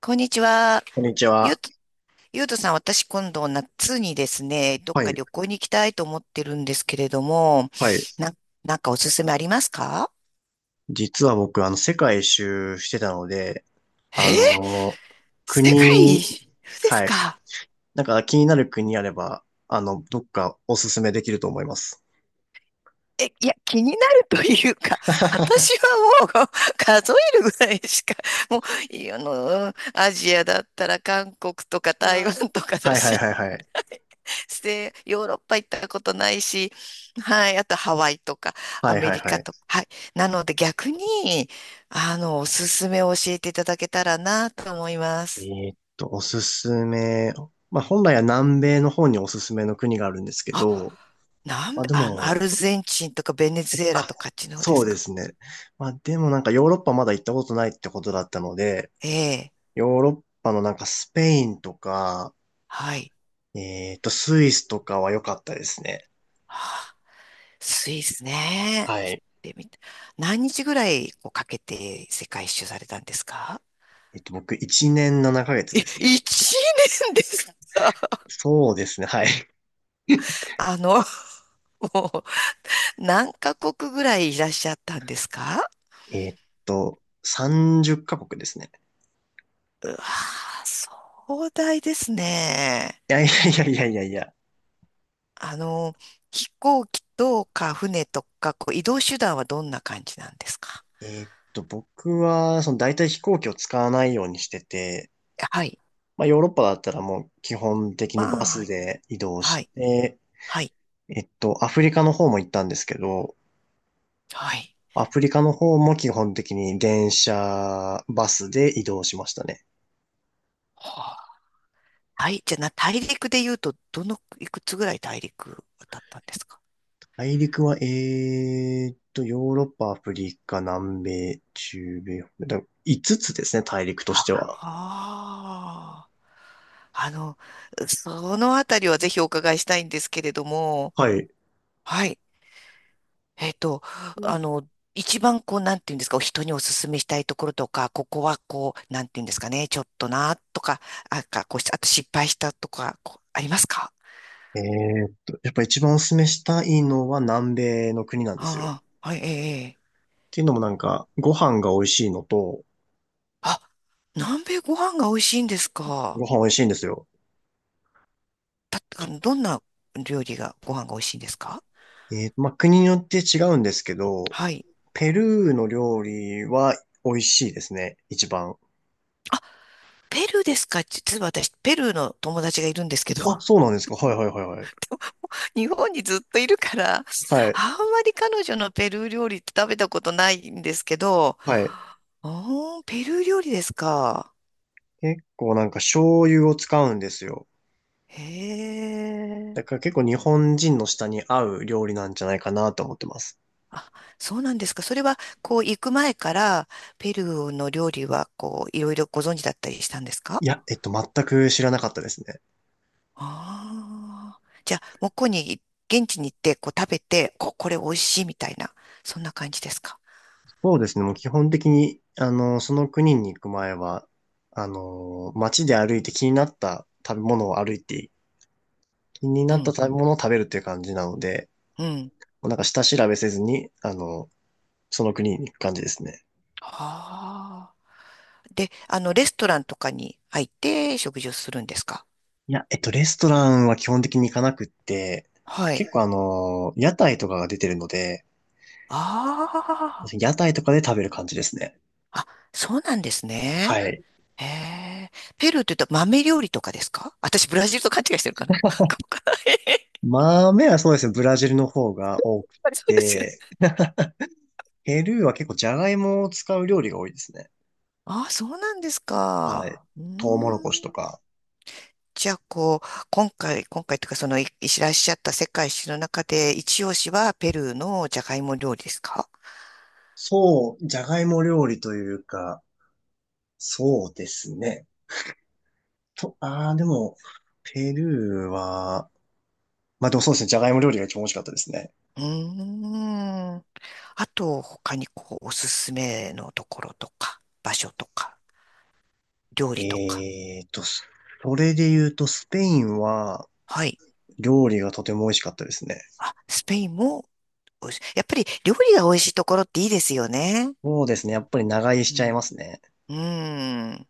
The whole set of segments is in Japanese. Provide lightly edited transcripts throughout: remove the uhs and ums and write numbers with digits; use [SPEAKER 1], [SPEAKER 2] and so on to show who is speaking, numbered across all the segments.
[SPEAKER 1] こんにちは。
[SPEAKER 2] こんにち
[SPEAKER 1] ゆう
[SPEAKER 2] は。
[SPEAKER 1] と、ゆうとさん、私今度夏にですね、どっ
[SPEAKER 2] は
[SPEAKER 1] か
[SPEAKER 2] い。
[SPEAKER 1] 旅行に行きたいと思ってるんですけれども、
[SPEAKER 2] はい。
[SPEAKER 1] な、なんかおすすめありますか？
[SPEAKER 2] 実は僕、世界一周してたので、あ
[SPEAKER 1] えー、
[SPEAKER 2] のー
[SPEAKER 1] 世界
[SPEAKER 2] 国、
[SPEAKER 1] 一周です
[SPEAKER 2] はい。
[SPEAKER 1] か？
[SPEAKER 2] なんか気になる国あれば、どっかおすすめできると思います。
[SPEAKER 1] え、いや、気になるというか、私はもう 数えるぐらいしか、もう、いあの、アジアだったら韓国とか台湾とかだ
[SPEAKER 2] はいはい
[SPEAKER 1] し、
[SPEAKER 2] はいはい。
[SPEAKER 1] ヨーロッパ行ったことないし、はい、あとハワイとかア
[SPEAKER 2] はい
[SPEAKER 1] メ
[SPEAKER 2] はい
[SPEAKER 1] リカ
[SPEAKER 2] はい。
[SPEAKER 1] とか、はい。なので逆に、おすすめを教えていただけたらなと思います。
[SPEAKER 2] おすすめ。まあ、本来は南米の方におすすめの国があるんですけ
[SPEAKER 1] あ、
[SPEAKER 2] ど、
[SPEAKER 1] なん
[SPEAKER 2] まあ
[SPEAKER 1] で、
[SPEAKER 2] で
[SPEAKER 1] ア
[SPEAKER 2] も、
[SPEAKER 1] ルゼンチンとかベネズエラ
[SPEAKER 2] あ、
[SPEAKER 1] とかあっちの方で
[SPEAKER 2] そう
[SPEAKER 1] す
[SPEAKER 2] で
[SPEAKER 1] か？
[SPEAKER 2] すね。まあでもなんかヨーロッパまだ行ったことないってことだったので、
[SPEAKER 1] ええ、
[SPEAKER 2] ヨーロッパのなんかスペインとか、
[SPEAKER 1] はい。
[SPEAKER 2] スイスとかは良かったですね。
[SPEAKER 1] はあ、スイスね。
[SPEAKER 2] は
[SPEAKER 1] 行っ
[SPEAKER 2] い。
[SPEAKER 1] てみた。何日ぐらいこうかけて世界一周されたんですか？
[SPEAKER 2] 僕、1年7ヶ月
[SPEAKER 1] え、
[SPEAKER 2] ですね。
[SPEAKER 1] 1年ですか？
[SPEAKER 2] そうですね、はい。
[SPEAKER 1] あの、もう何カ国ぐらいいらっしゃったんですか？
[SPEAKER 2] えっ30カ国ですね。
[SPEAKER 1] うわー、壮大ですね。
[SPEAKER 2] いやいやいやいやいやいや。
[SPEAKER 1] あの、飛行機とか船とか、こう移動手段はどんな感じなんですか？
[SPEAKER 2] 僕は、大体飛行機を使わないようにしてて、
[SPEAKER 1] はい。
[SPEAKER 2] まあ、ヨーロッパだったらもう基本的に
[SPEAKER 1] ま
[SPEAKER 2] バ
[SPEAKER 1] あ、は
[SPEAKER 2] ス
[SPEAKER 1] い。
[SPEAKER 2] で移動
[SPEAKER 1] は
[SPEAKER 2] し
[SPEAKER 1] い。
[SPEAKER 2] て、
[SPEAKER 1] はい。
[SPEAKER 2] アフリカの方も行ったんですけど、
[SPEAKER 1] はい。
[SPEAKER 2] アフリカの方も基本的に電車、バスで移動しましたね。
[SPEAKER 1] はあ、はい。じゃあ、大陸で言うと、いくつぐらい大陸渡ったんですか？
[SPEAKER 2] 大陸は、ヨーロッパ、アフリカ、南米、中米、5つですね、大陸とし
[SPEAKER 1] は
[SPEAKER 2] ては。
[SPEAKER 1] ああ、あの、そのあたりはぜひお伺いしたいんですけれども、
[SPEAKER 2] はい。
[SPEAKER 1] はい。えっと、あの、一番こう、なんていうんですか、人にお勧めしたいところとか、ここはこう、なんていうんですかね、ちょっとな、とか、あ、か、こうし、あと失敗したとか、こうありますか？
[SPEAKER 2] えやっぱ一番おすすめしたいのは南米の国なんですよ。っ
[SPEAKER 1] ああ、はい、ええ、ええ。
[SPEAKER 2] ていうのもなんか、ご飯が美味しいのと、
[SPEAKER 1] あ、南米ご飯が美味しいんですか。
[SPEAKER 2] ご飯美味しいんですよ。
[SPEAKER 1] た、あ
[SPEAKER 2] と
[SPEAKER 1] の、どんな料理が、ご飯が美味しいんですか？
[SPEAKER 2] まあ、国によって違うんですけど、
[SPEAKER 1] はい。
[SPEAKER 2] ペルーの料理は美味しいですね、一番。
[SPEAKER 1] ペルーですか？実は私、ペルーの友達がいるんですけど、
[SPEAKER 2] あ、そうなんですか。はいはいはいはい。
[SPEAKER 1] 日本にずっといるから、あん
[SPEAKER 2] はい。
[SPEAKER 1] まり彼女のペルー料理って食べたことないんですけど、
[SPEAKER 2] はい。
[SPEAKER 1] おー、ペルー料理ですか。
[SPEAKER 2] 結構なんか醤油を使うんですよ。
[SPEAKER 1] へ
[SPEAKER 2] だ
[SPEAKER 1] え。
[SPEAKER 2] から結構日本人の舌に合う料理なんじゃないかなと思ってます。
[SPEAKER 1] あ、そうなんですか。それは、こう、行く前から、ペルーの料理は、こう、いろいろご存知だったりしたんですか？
[SPEAKER 2] いや、全く知らなかったですね。
[SPEAKER 1] ああー。じゃあ、向こうに、現地に行って、こう、食べて、これ美味しいみたいな、そんな感じですか。
[SPEAKER 2] そうですね。もう基本的に、その国に行く前は、街で歩いて気に
[SPEAKER 1] う
[SPEAKER 2] なった
[SPEAKER 1] ん、
[SPEAKER 2] 食べ物を食べるっていう感じなので、
[SPEAKER 1] うん。
[SPEAKER 2] もうなんか下調べせずに、その国に行く感じですね。
[SPEAKER 1] ああ。で、レストランとかに入って食事をするんですか？
[SPEAKER 2] いや、レストランは基本的に行かなくって、
[SPEAKER 1] はい。
[SPEAKER 2] 結構屋台とかが出てるので、
[SPEAKER 1] あ
[SPEAKER 2] 屋台とかで食べる感じですね。
[SPEAKER 1] あ、あ、そうなんです
[SPEAKER 2] は
[SPEAKER 1] ね。
[SPEAKER 2] い。
[SPEAKER 1] へえ。ペルーって言うと豆料理とかですか？私、ブラジルと勘違いしてるかな かもかな、へへ、やっ
[SPEAKER 2] 豆はそうですね、ブラジルの方が多く
[SPEAKER 1] ぱりそうですよ
[SPEAKER 2] て、
[SPEAKER 1] ね。
[SPEAKER 2] ペルーは結構ジャガイモを使う料理が多いですね。
[SPEAKER 1] ああ、そうなんです
[SPEAKER 2] は
[SPEAKER 1] か。
[SPEAKER 2] い。
[SPEAKER 1] うー
[SPEAKER 2] トウモロ
[SPEAKER 1] ん。
[SPEAKER 2] コシとか。
[SPEAKER 1] じゃあ、こう、今回というか、その、いいらっしゃった世界史の中で、一押しはペルーのジャガイモ料理ですか？
[SPEAKER 2] そう、ジャガイモ料理というか、そうですね。ああ、でも、ペルーは、まあでもそうですね、ジャガイモ料理が一番美味しかったですね。
[SPEAKER 1] うーん。あと、他にこう、おすすめのところとか、場所とか、料理とか。
[SPEAKER 2] えーと、そそれで言うと、スペインは
[SPEAKER 1] はい。
[SPEAKER 2] 料理がとても美味しかったですね。
[SPEAKER 1] あ、スペインも美味しい。やっぱり料理が美味しいところっていいですよね。
[SPEAKER 2] そうですね、やっぱり長居し
[SPEAKER 1] う
[SPEAKER 2] ちゃい
[SPEAKER 1] ん。
[SPEAKER 2] ますね。
[SPEAKER 1] うん。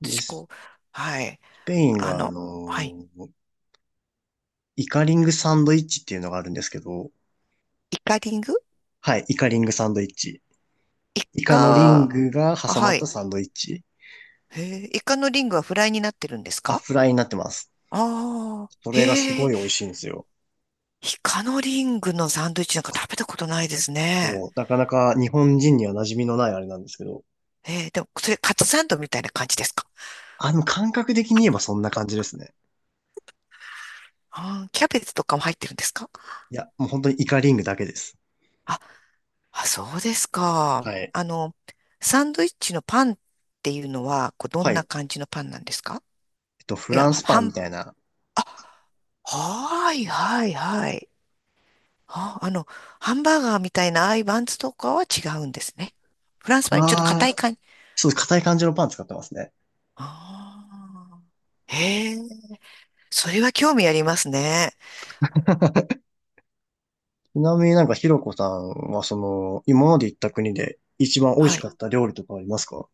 [SPEAKER 2] で、
[SPEAKER 1] 私、
[SPEAKER 2] ス
[SPEAKER 1] こう、はい。
[SPEAKER 2] ペイン
[SPEAKER 1] あ
[SPEAKER 2] が、
[SPEAKER 1] の、はい。
[SPEAKER 2] ーイカリングサンドイッチっていうのがあるんですけど、
[SPEAKER 1] イカリング、
[SPEAKER 2] はい、イカリングサンドイッチ。
[SPEAKER 1] イ
[SPEAKER 2] イカのリ
[SPEAKER 1] カ、
[SPEAKER 2] ンあ
[SPEAKER 1] あ、
[SPEAKER 2] グが挟ま
[SPEAKER 1] は
[SPEAKER 2] った
[SPEAKER 1] い。
[SPEAKER 2] サンドイッチ。
[SPEAKER 1] へえ、イカのリングはフライになってるんです
[SPEAKER 2] あ、
[SPEAKER 1] か？
[SPEAKER 2] フライになってます。
[SPEAKER 1] ああ
[SPEAKER 2] そ
[SPEAKER 1] ー、
[SPEAKER 2] れがす
[SPEAKER 1] へ
[SPEAKER 2] ご
[SPEAKER 1] え、
[SPEAKER 2] い美味しいんですよ。
[SPEAKER 1] イカのリングのサンドイッチなんか食べたことないですね。
[SPEAKER 2] そう、なかなか日本人には馴染みのないあれなんですけど。
[SPEAKER 1] えー、でも、それカツサンドみたいな感じですか？
[SPEAKER 2] 感覚的に言えばそんな感じですね。
[SPEAKER 1] あー、キャベツとかも入ってるんですか？
[SPEAKER 2] いや、もう本当にイカリングだけです。
[SPEAKER 1] あ、あ、そうですか。
[SPEAKER 2] はい。
[SPEAKER 1] サンドイッチのパンっていうのは、こう、ど
[SPEAKER 2] は
[SPEAKER 1] ん
[SPEAKER 2] い。
[SPEAKER 1] な感じのパンなんですか？
[SPEAKER 2] フ
[SPEAKER 1] いや、
[SPEAKER 2] ランスパ
[SPEAKER 1] ハ
[SPEAKER 2] ンみ
[SPEAKER 1] ン、
[SPEAKER 2] たいな。
[SPEAKER 1] あ、はい、はい、はい。あ、ハンバーガーみたいなああいうバンズとかは違うんですね。フランスパンにちょっと
[SPEAKER 2] あ
[SPEAKER 1] 硬い
[SPEAKER 2] あ、
[SPEAKER 1] 感じ。
[SPEAKER 2] そう、硬い感じのパン使ってますね。
[SPEAKER 1] ああ、へえ、それは興味ありますね。
[SPEAKER 2] ちなみになんかひろこさんはその、今まで行った国で一番美味
[SPEAKER 1] は
[SPEAKER 2] しか
[SPEAKER 1] い。
[SPEAKER 2] った料理とかありますか？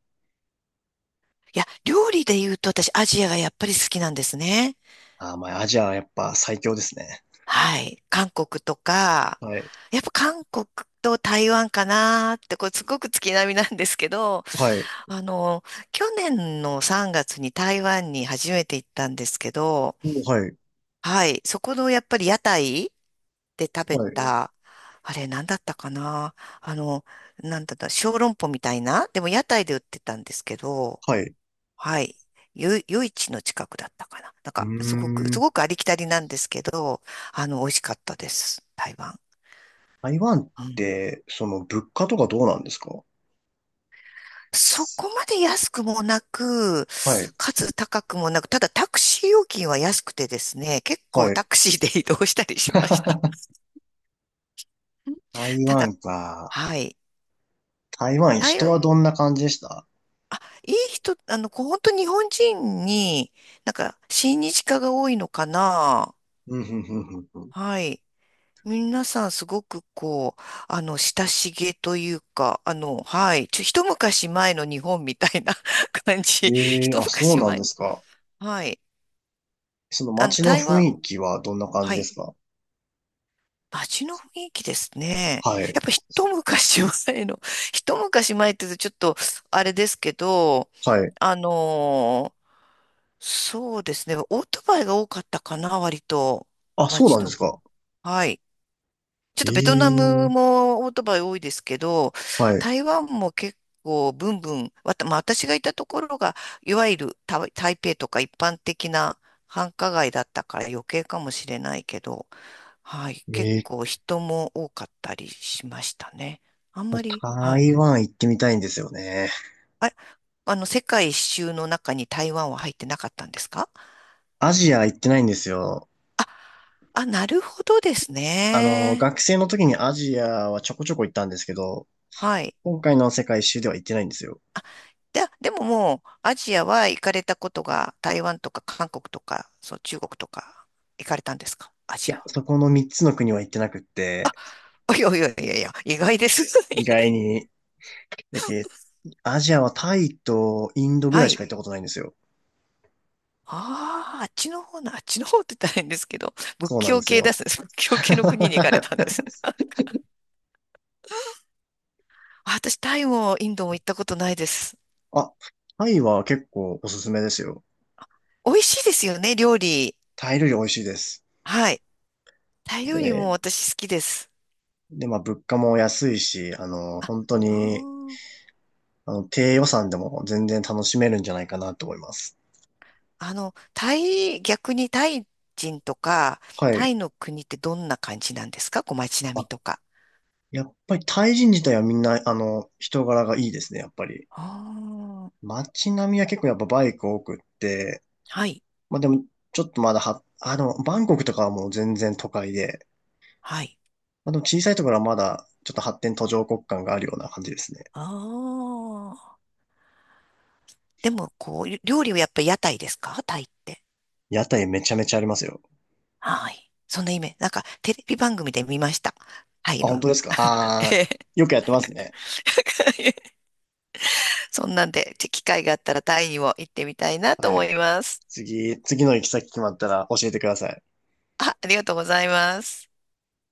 [SPEAKER 1] いや、料理で言うと私、アジアがやっぱり好きなんですね。
[SPEAKER 2] ああ、まあ、アジアはやっぱ最強ですね。
[SPEAKER 1] はい。韓国とか、
[SPEAKER 2] はい。
[SPEAKER 1] やっぱ韓国と台湾かなーって、これすごく月並みなんですけど、
[SPEAKER 2] はい。
[SPEAKER 1] あの、去年の3月に台湾に初めて行ったんですけど、
[SPEAKER 2] お、はい。
[SPEAKER 1] はい。そこのやっぱり屋台で食べ
[SPEAKER 2] はい。
[SPEAKER 1] た、あれ何だったかな。あの、なんだった、小籠包みたいなでも屋台で売ってたんですけど、
[SPEAKER 2] はい。
[SPEAKER 1] はい。夜市の近くだったかな。なん
[SPEAKER 2] う
[SPEAKER 1] か、
[SPEAKER 2] ー
[SPEAKER 1] す
[SPEAKER 2] ん。
[SPEAKER 1] ごくありきたりなんですけど、あの、美味しかったです。台湾。
[SPEAKER 2] 台湾っ
[SPEAKER 1] うん。
[SPEAKER 2] て、その物価とかどうなんですか？
[SPEAKER 1] そこまで安くもなく、
[SPEAKER 2] はい。
[SPEAKER 1] かつ高くもなく、ただタクシー料金は安くてですね、結構
[SPEAKER 2] はい。
[SPEAKER 1] タクシーで移動したりしました。うん、
[SPEAKER 2] 台
[SPEAKER 1] ただ、
[SPEAKER 2] 湾か。
[SPEAKER 1] はい。
[SPEAKER 2] 台湾、
[SPEAKER 1] 台
[SPEAKER 2] 人
[SPEAKER 1] 湾、
[SPEAKER 2] はどんな感じでした？
[SPEAKER 1] あ、いい人、あの、こう本当日本人に、なんか、親日家が多いのかな。
[SPEAKER 2] うん、ふん、ふん、ふん、ふん。
[SPEAKER 1] はい。皆さんすごくこう、親しげというか、一昔前の日本みたいな 感
[SPEAKER 2] え
[SPEAKER 1] じ。
[SPEAKER 2] えー、
[SPEAKER 1] 一
[SPEAKER 2] あ、そう
[SPEAKER 1] 昔
[SPEAKER 2] なん
[SPEAKER 1] 前。
[SPEAKER 2] ですか。
[SPEAKER 1] はい。
[SPEAKER 2] その
[SPEAKER 1] あの、
[SPEAKER 2] 街の
[SPEAKER 1] 台
[SPEAKER 2] 雰
[SPEAKER 1] 湾。
[SPEAKER 2] 囲気はどんな感じ
[SPEAKER 1] は
[SPEAKER 2] で
[SPEAKER 1] い。
[SPEAKER 2] すか？
[SPEAKER 1] 街の雰囲気ですね。
[SPEAKER 2] はい。
[SPEAKER 1] やっぱ一昔前の、一昔前って言うとちょっと、あれですけど、
[SPEAKER 2] はい。
[SPEAKER 1] あのーそうですね。オートバイが多かったかな、割と。
[SPEAKER 2] あ、そう
[SPEAKER 1] 街
[SPEAKER 2] なんで
[SPEAKER 1] の。
[SPEAKER 2] すか。
[SPEAKER 1] はい。ちょっ
[SPEAKER 2] え
[SPEAKER 1] とベトナ
[SPEAKER 2] え
[SPEAKER 1] ム
[SPEAKER 2] ー、
[SPEAKER 1] もオートバイ多いですけど、
[SPEAKER 2] はい。
[SPEAKER 1] 台湾も結構ブンブン、まあ私がいたところが、いわゆる台北とか一般的な繁華街だったから余計かもしれないけど、はい、
[SPEAKER 2] え
[SPEAKER 1] 結
[SPEAKER 2] えー、
[SPEAKER 1] 構人も多かったりしましたね。あんまり、はい。
[SPEAKER 2] 台湾行ってみたいんですよね。
[SPEAKER 1] あ、世界一周の中に台湾は入ってなかったんですか？
[SPEAKER 2] アジア行ってないんですよ。
[SPEAKER 1] あ、なるほどですね。
[SPEAKER 2] 学生の時にアジアはちょこちょこ行ったんですけど、
[SPEAKER 1] はい。
[SPEAKER 2] 今回の世界一周では行ってないんですよ。
[SPEAKER 1] で、でももう、アジアは行かれたことが、台湾とか韓国とか、そう、中国とか、行かれたんですか？ア
[SPEAKER 2] い
[SPEAKER 1] ジア
[SPEAKER 2] や、
[SPEAKER 1] は。
[SPEAKER 2] そこの3つの国は行ってなくって、
[SPEAKER 1] いやいやいやいや、意外です。
[SPEAKER 2] 意外 に、だけ、アジアはタイとインドぐ
[SPEAKER 1] は
[SPEAKER 2] らいしか
[SPEAKER 1] い。
[SPEAKER 2] 行ったことないんですよ。
[SPEAKER 1] ああ、あっちの方なあっちの方って大変ですけど、仏
[SPEAKER 2] そうなん
[SPEAKER 1] 教
[SPEAKER 2] です
[SPEAKER 1] 系
[SPEAKER 2] よ。
[SPEAKER 1] です。仏教系の国に行かれたんです。私、タイもインドも行ったことないです。
[SPEAKER 2] あ、タイは結構おすすめですよ。
[SPEAKER 1] 美味しいですよね、料理。
[SPEAKER 2] タイ料理美味しいです。
[SPEAKER 1] はい。タイ料理も
[SPEAKER 2] で、
[SPEAKER 1] 私好きです。
[SPEAKER 2] で、まあ物価も安いし、
[SPEAKER 1] あ、
[SPEAKER 2] 本当
[SPEAKER 1] あ
[SPEAKER 2] に、
[SPEAKER 1] ー、
[SPEAKER 2] 低予算でも全然楽しめるんじゃないかなと思います。
[SPEAKER 1] タイ、逆にタイ人とか、
[SPEAKER 2] は
[SPEAKER 1] タ
[SPEAKER 2] い。
[SPEAKER 1] イの国ってどんな感じなんですか？こう街並みとか。
[SPEAKER 2] やっぱりタイ人自体はみんな、人柄がいいですね、やっぱり。
[SPEAKER 1] ああ、
[SPEAKER 2] 街並みは結構やっぱバイク多くって、
[SPEAKER 1] はい。
[SPEAKER 2] まあでも、ちょっとまだは、あ、でも、バンコクとかはもう全然都会で、
[SPEAKER 1] はい。
[SPEAKER 2] まあでも小さいところはまだ、ちょっと発展途上国感があるような感じですね。
[SPEAKER 1] ああ、でも、こう、料理はやっぱり屋台ですか、タイって。
[SPEAKER 2] 屋台めちゃめちゃありますよ。
[SPEAKER 1] はい。そんなイメージ。なんか、テレビ番組で見ました。タイ
[SPEAKER 2] あ、
[SPEAKER 1] の。
[SPEAKER 2] 本当ですか？あ
[SPEAKER 1] え
[SPEAKER 2] あ
[SPEAKER 1] え。
[SPEAKER 2] ー、よくやってますね。
[SPEAKER 1] そんなんで、機会があったらタイにも行ってみたいなと
[SPEAKER 2] は
[SPEAKER 1] 思
[SPEAKER 2] い。
[SPEAKER 1] います。
[SPEAKER 2] 次、次の行き先決まったら教えてください。
[SPEAKER 1] あ、ありがとうございます。